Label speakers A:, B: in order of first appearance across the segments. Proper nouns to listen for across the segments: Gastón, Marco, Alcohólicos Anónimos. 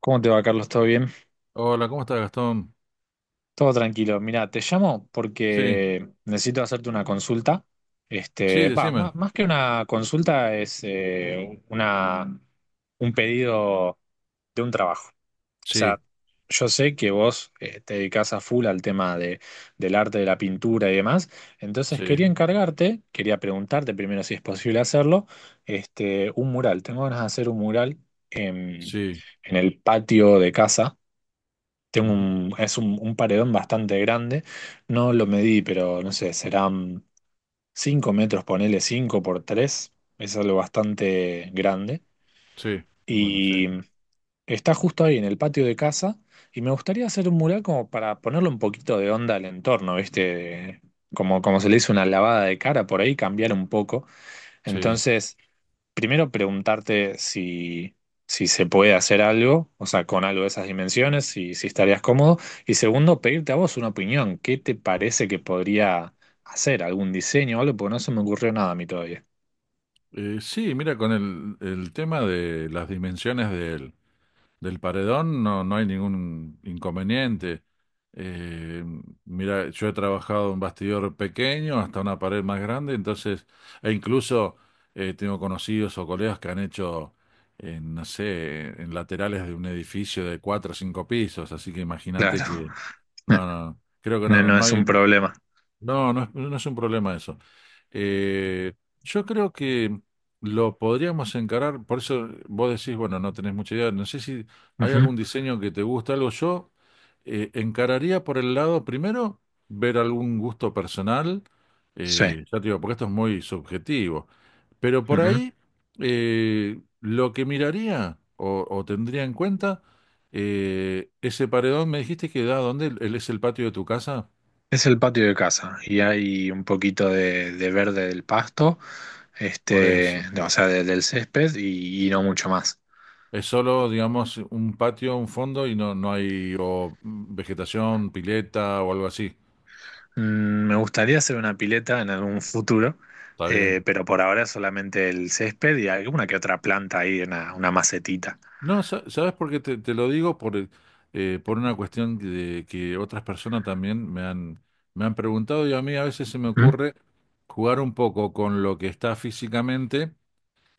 A: ¿Cómo te va, Carlos? ¿Todo bien?
B: Hola, ¿cómo estás, Gastón?
A: Todo tranquilo. Mira, te llamo
B: Sí,
A: porque necesito hacerte una consulta.
B: sí, decime.
A: Más, que una consulta es un pedido de un trabajo. O sea,
B: Sí,
A: yo sé que vos te dedicás a full al tema del arte, de la pintura y demás. Entonces
B: sí,
A: quería preguntarte primero si es posible hacerlo, un mural. Tengo ganas de hacer un mural en,
B: sí,
A: en el patio de casa. Tengo
B: ujú,
A: un, es un, un paredón bastante grande. No lo medí, pero no sé, serán 5 metros, ponele 5 por 3. Es algo bastante grande.
B: sí, bueno, sí,
A: Y está justo ahí en el patio de casa. Y me gustaría hacer un mural como para ponerle un poquito de onda al entorno, ¿viste? Como se le hizo una lavada de cara por ahí, cambiar un poco.
B: sí.
A: Entonces. Primero preguntarte si se puede hacer algo, o sea, con algo de esas dimensiones, si estarías cómodo. Y segundo, pedirte a vos una opinión. ¿Qué te parece que podría hacer? ¿Algún diseño o algo? Porque no se me ocurrió nada a mí todavía.
B: Sí, mira, con el tema de las dimensiones del paredón no, no hay ningún inconveniente. Eh, mira, yo he trabajado en bastidor pequeño hasta una pared más grande, entonces, e incluso tengo conocidos o colegas que han hecho, en, no sé, en laterales de un edificio de cuatro o cinco pisos, así que imagínate
A: Claro,
B: que, no, no, no, creo que no,
A: no,
B: no
A: no
B: no
A: es
B: hay,
A: un problema.
B: no, no es un problema eso. Eh, yo creo que lo podríamos encarar, por eso vos decís, bueno, no tenés mucha idea, no sé si hay
A: Ujú.
B: algún diseño que te gusta, algo yo encararía por el lado, primero, ver algún gusto personal,
A: Sí.
B: ya te digo, porque esto es muy subjetivo, pero por
A: Ujú.
B: ahí lo que miraría o tendría en cuenta, ese paredón, me dijiste que da, ¿dónde? ¿Es el patio de tu casa?
A: Es el patio de casa y hay un poquito de verde del pasto,
B: Por eso.
A: o sea, del césped y no mucho más.
B: Es solo, digamos, un patio, un fondo y no, no hay o vegetación, pileta o algo así.
A: Me gustaría hacer una pileta en algún futuro,
B: Está bien.
A: pero por ahora solamente el césped y alguna que otra planta ahí, una macetita.
B: No, ¿sabes por qué te lo digo? Por una cuestión de que otras personas también me han preguntado y a mí a veces se me
A: ¿Mm?
B: ocurre jugar un poco con lo que está físicamente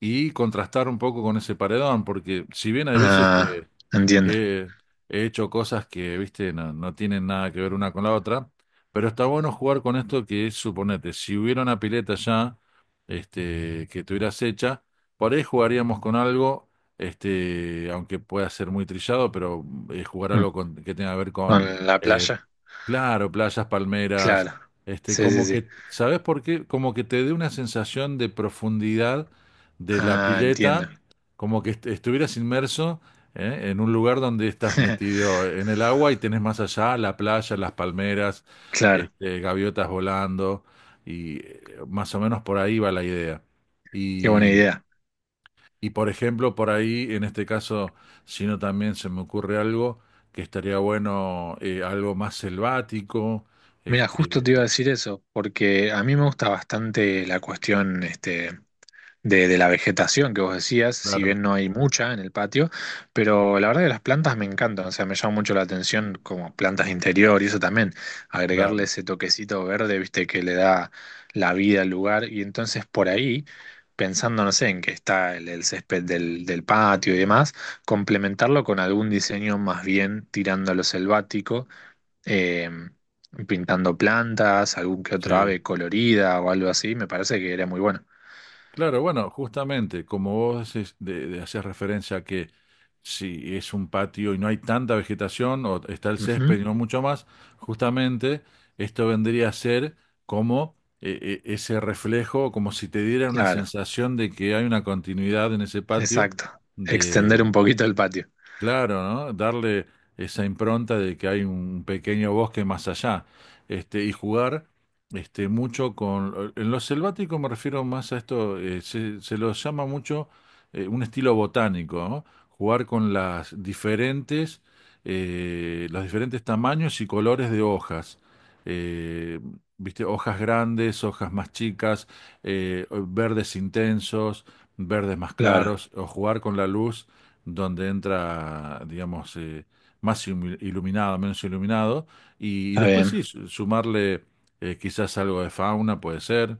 B: y contrastar un poco con ese paredón, porque si bien hay veces
A: Ah,
B: que
A: entiendo.
B: que he hecho cosas que, viste, no, no tienen nada que ver una con la otra, pero está bueno jugar con esto que es, suponete, si hubiera una pileta ya, que tuvieras hecha, por ahí jugaríamos con algo, aunque pueda ser muy trillado, pero jugar
A: Mm.
B: algo con, que tenga que ver con,
A: ¿Con la
B: eh,
A: playa?
B: claro, playas, palmeras,
A: Claro. Sí, sí,
B: como
A: sí.
B: que, ¿sabes por qué? Como que te dé una sensación de profundidad de la
A: Ah, entiendo.
B: pileta, como que estuvieras inmerso, ¿eh? En un lugar donde estás metido en el agua y tenés más allá la playa, las palmeras,
A: Claro,
B: gaviotas volando, y más o menos por ahí va la idea.
A: qué buena
B: Y,
A: idea.
B: y, por ejemplo, por ahí, en este caso, si no también se me ocurre algo que estaría bueno, algo más selvático,
A: Mira, justo
B: este,
A: te iba a decir eso, porque a mí me gusta bastante la cuestión. De la vegetación que vos decías, si
B: claro,
A: bien no hay mucha en el patio, pero la verdad que las plantas me encantan, o sea, me llama mucho la atención como plantas de interior y eso también, agregarle
B: claro,
A: ese toquecito verde, viste, que le da la vida al lugar y entonces por ahí, pensando, no sé, en que está el césped del patio y demás, complementarlo con algún diseño más bien tirando a lo selvático. eh, Pintando plantas, algún que otro
B: sí.
A: ave colorida o algo así, me parece que era muy bueno.
B: Claro, bueno, justamente como vos hacías referencia a que si es un patio y no hay tanta vegetación o está el
A: Ujú,
B: césped y no mucho más, justamente esto vendría a ser como ese reflejo, como si te diera una
A: claro.
B: sensación de que hay una continuidad en ese patio.
A: Exacto. Extender un poquito el patio.
B: Claro, ¿no? Darle esa impronta de que hay un pequeño bosque más allá, y jugar mucho con... En lo selvático me refiero más a esto, se lo llama mucho un estilo botánico, ¿no? Jugar con las diferentes, los diferentes tamaños y colores de hojas. Eh, ¿Viste? Hojas grandes, hojas más chicas, verdes intensos, verdes más
A: Claro,
B: claros, o jugar con la luz donde entra, digamos, más iluminado, menos iluminado, y
A: está
B: después
A: bien.
B: sí, sumarle quizás algo de fauna, puede ser.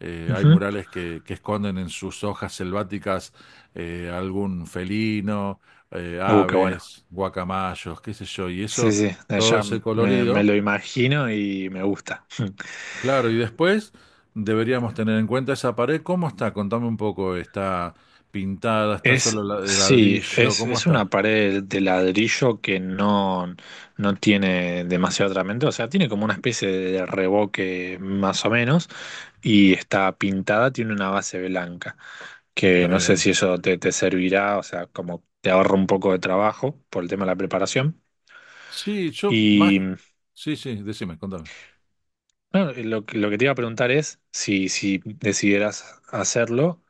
B: Hay
A: Ujú.
B: murales que esconden en sus hojas selváticas algún felino,
A: Qué bueno.
B: aves, guacamayos, qué sé yo, y
A: Sí,
B: eso,
A: sí,
B: todo
A: ya
B: ese
A: me
B: colorido,
A: lo imagino y me gusta.
B: claro, y después deberíamos tener en cuenta esa pared, ¿cómo está? Contame un poco, ¿está pintada? ¿Está solo la-
A: Sí,
B: ladrillo?
A: es,
B: ¿Cómo
A: es
B: está?
A: una pared de ladrillo que no, no tiene demasiado tratamiento, o sea, tiene como una especie de revoque más o menos y está pintada, tiene una base blanca,
B: Está
A: que no sé
B: bien.
A: si eso te servirá, o sea, como te ahorra un poco de trabajo por el tema de la preparación.
B: Sí, yo más.
A: y
B: Sí, sí, decime, contame.
A: No, lo que te iba a preguntar es si decidieras hacerlo,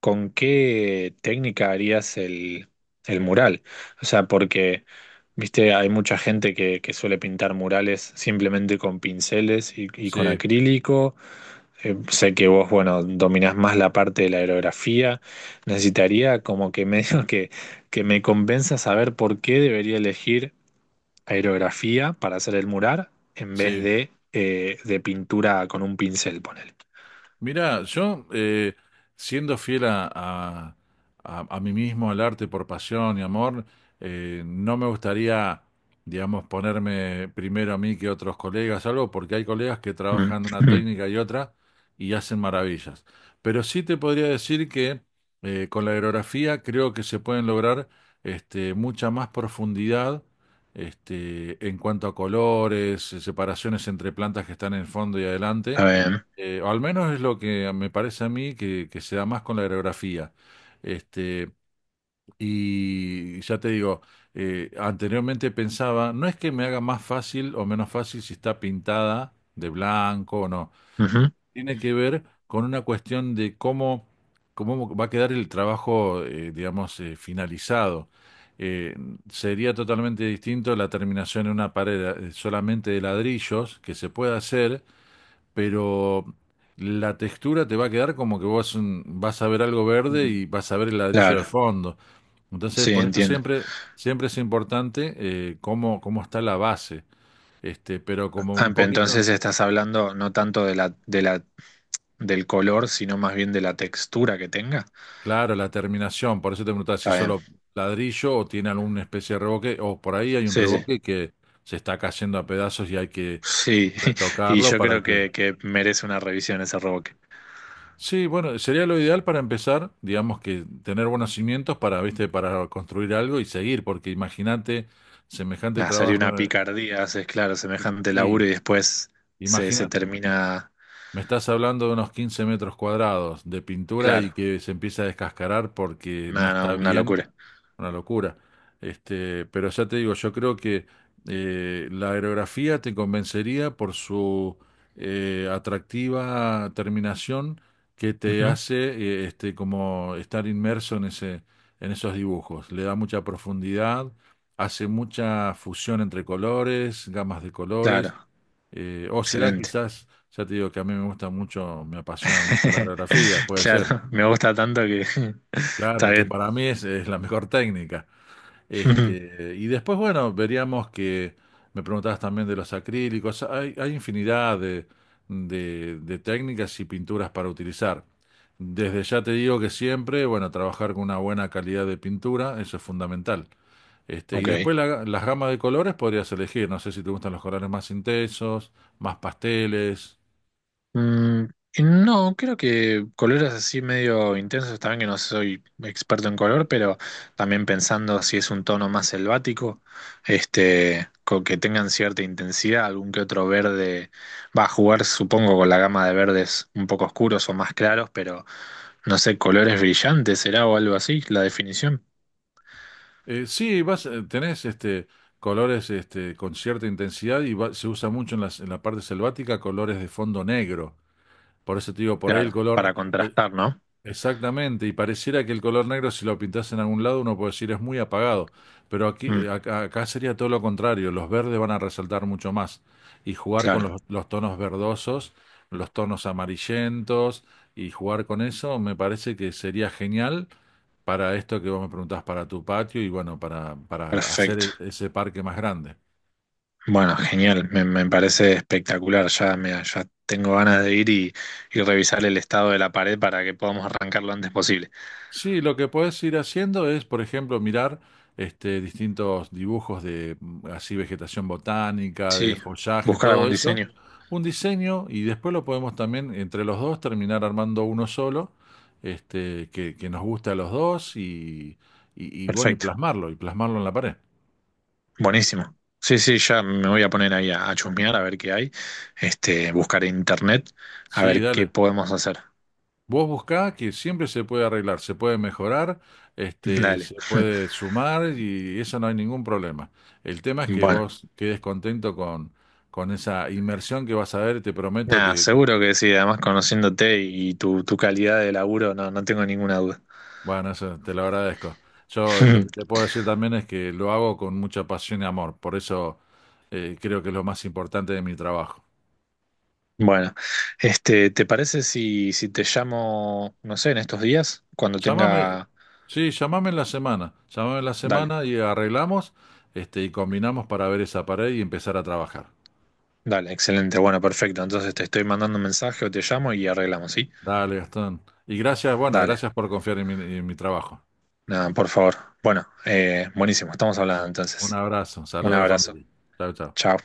A: ¿con qué técnica harías el mural? O sea, porque, viste, hay mucha gente que suele pintar murales simplemente con pinceles y con
B: Sí,
A: acrílico. Sé que vos, bueno, dominás más la parte de la aerografía. Necesitaría como que medio que me convenzas a ver por qué debería elegir aerografía para hacer el mural en vez
B: sí.
A: de pintura con un pincel, ponele.
B: Mira, yo siendo fiel a mí mismo, al arte por pasión y amor, no me gustaría, digamos, ponerme primero a mí que otros colegas, algo, porque hay colegas que
A: Mm,
B: trabajan una
A: mm.
B: técnica y otra y hacen maravillas. Pero sí te podría decir que con la aerografía creo que se pueden lograr mucha más profundidad en cuanto a colores, separaciones entre plantas que están en el fondo y adelante,
A: Está bien.
B: o al menos es lo que me parece a mí que se da más con la aerografía. Este, y ya te digo, anteriormente pensaba, no es que me haga más fácil o menos fácil si está pintada de blanco o no.
A: Ujú.
B: Tiene que ver con una cuestión de cómo, cómo va a quedar el trabajo, digamos, finalizado. Eh, sería totalmente distinto la terminación en una pared solamente de ladrillos, que se puede hacer, pero la textura te va a quedar como que vos vas a ver algo verde
A: Mm.
B: y vas a ver el ladrillo de
A: Claro,
B: fondo. Entonces,
A: sí,
B: por eso
A: entiendo.
B: siempre, siempre es importante cómo está la base, pero como
A: Ah,
B: un
A: pero
B: poquito,
A: entonces estás hablando no tanto de la, del color, sino más bien de la textura que tenga.
B: claro, la terminación, por eso te preguntaba si
A: Está bien.
B: solo ladrillo o tiene alguna especie de revoque, o por ahí hay un
A: Sí, sí.
B: revoque que se está cayendo a pedazos y hay que
A: Sí, y
B: retocarlo
A: yo
B: para
A: creo
B: que...
A: que merece una revisión ese revoque.
B: Sí, bueno, sería lo ideal para empezar, digamos que tener buenos cimientos para, viste, para construir algo y seguir, porque imagínate semejante
A: Nada, sería
B: trabajo
A: una
B: en el-
A: picardía, haces, claro, semejante
B: y
A: laburo y después se
B: imagínate.
A: termina.
B: Me estás hablando de unos 15 metros cuadrados de pintura
A: Claro,
B: y que se empieza a descascarar porque no
A: nada,
B: está
A: no, una
B: bien,
A: locura.
B: una locura. Pero ya te digo, yo creo que la aerografía te convencería por su atractiva terminación que te
A: Ujú.
B: hace como estar inmerso en ese, en esos dibujos. Le da mucha profundidad, hace mucha fusión entre colores, gamas de colores.
A: Claro,
B: O será
A: excelente.
B: quizás ya te digo que a mí me gusta mucho, me apasiona mucho la aerografía, puede
A: Claro,
B: ser.
A: me gusta tanto que está
B: Claro, que
A: bien.
B: para mí es la mejor técnica. Y después, bueno, veríamos que me preguntabas también de los acrílicos. Hay infinidad de, de técnicas y pinturas para utilizar. Desde ya te digo que siempre, bueno, trabajar con una buena calidad de pintura, eso es fundamental. Y
A: Ok.
B: después las gamas de colores podrías elegir. No sé si te gustan los colores más intensos, más pasteles.
A: Mm, y no, creo que colores así medio intensos, también que no soy experto en color, pero también pensando si es un tono más selvático, con que tengan cierta intensidad, algún que otro verde va a jugar, supongo, con la gama de verdes un poco oscuros o más claros, pero no sé, colores brillantes será o algo así, la definición.
B: Sí, tenés colores con cierta intensidad y se usa mucho en las- en la parte selvática colores de fondo negro. Por eso te digo, por ahí el
A: Claro, para
B: color.
A: contrastar, ¿no?
B: Exactamente, y pareciera que el color negro, si lo pintas en algún lado, uno puede decir es muy apagado, pero aquí,
A: Mm,
B: acá, acá sería todo lo contrario, los verdes van a resaltar mucho más y jugar con
A: claro,
B: los tonos verdosos, los tonos amarillentos y jugar con eso me parece que sería genial para esto que vos me preguntás, para tu patio y bueno, para hacer
A: perfecto.
B: ese parque más grande.
A: Bueno, genial, me parece espectacular. Ya tengo ganas de ir y revisar el estado de la pared para que podamos arrancar lo antes posible.
B: Sí, lo que puedes ir haciendo es, por ejemplo, mirar distintos dibujos de así vegetación botánica, de
A: Sí,
B: follaje,
A: buscar
B: todo
A: algún
B: eso,
A: diseño.
B: un diseño y después lo podemos también entre los dos terminar armando uno solo, que nos guste a los dos y bueno,
A: Perfecto,
B: y plasmarlo en la pared.
A: buenísimo. Sí, sí, ya me voy a poner ahí a chusmear a ver qué hay. Buscar en internet a
B: Sí,
A: ver qué
B: dale.
A: podemos hacer.
B: Vos buscá que siempre se puede arreglar, se puede mejorar,
A: Dale.
B: se puede sumar y eso no hay ningún problema. El tema es que
A: Bueno,
B: vos quedes contento con esa inmersión que vas a ver, te prometo
A: nada,
B: que...
A: seguro que sí. Además, conociéndote y tu calidad de laburo, no, no tengo ninguna duda.
B: bueno, eso te lo agradezco. Yo lo que te puedo decir también es que lo hago con mucha pasión y amor, por eso creo que es lo más importante de mi trabajo.
A: Bueno, ¿te parece si te llamo, no sé, en estos días? Cuando
B: Llámame,
A: tenga...
B: sí, llámame en la semana, llámame en la
A: Dale,
B: semana y arreglamos, y combinamos para ver esa pared y empezar a trabajar.
A: dale, excelente, bueno, perfecto. Entonces te estoy mandando un mensaje o te llamo y arreglamos, ¿sí?
B: Dale, Gastón. Y gracias, bueno,
A: Dale,
B: gracias por confiar en mi trabajo.
A: nada, por favor. Bueno, buenísimo, estamos hablando
B: Un
A: entonces.
B: abrazo,
A: Un
B: saludos a la
A: abrazo.
B: familia. Chao, chao.
A: Chao.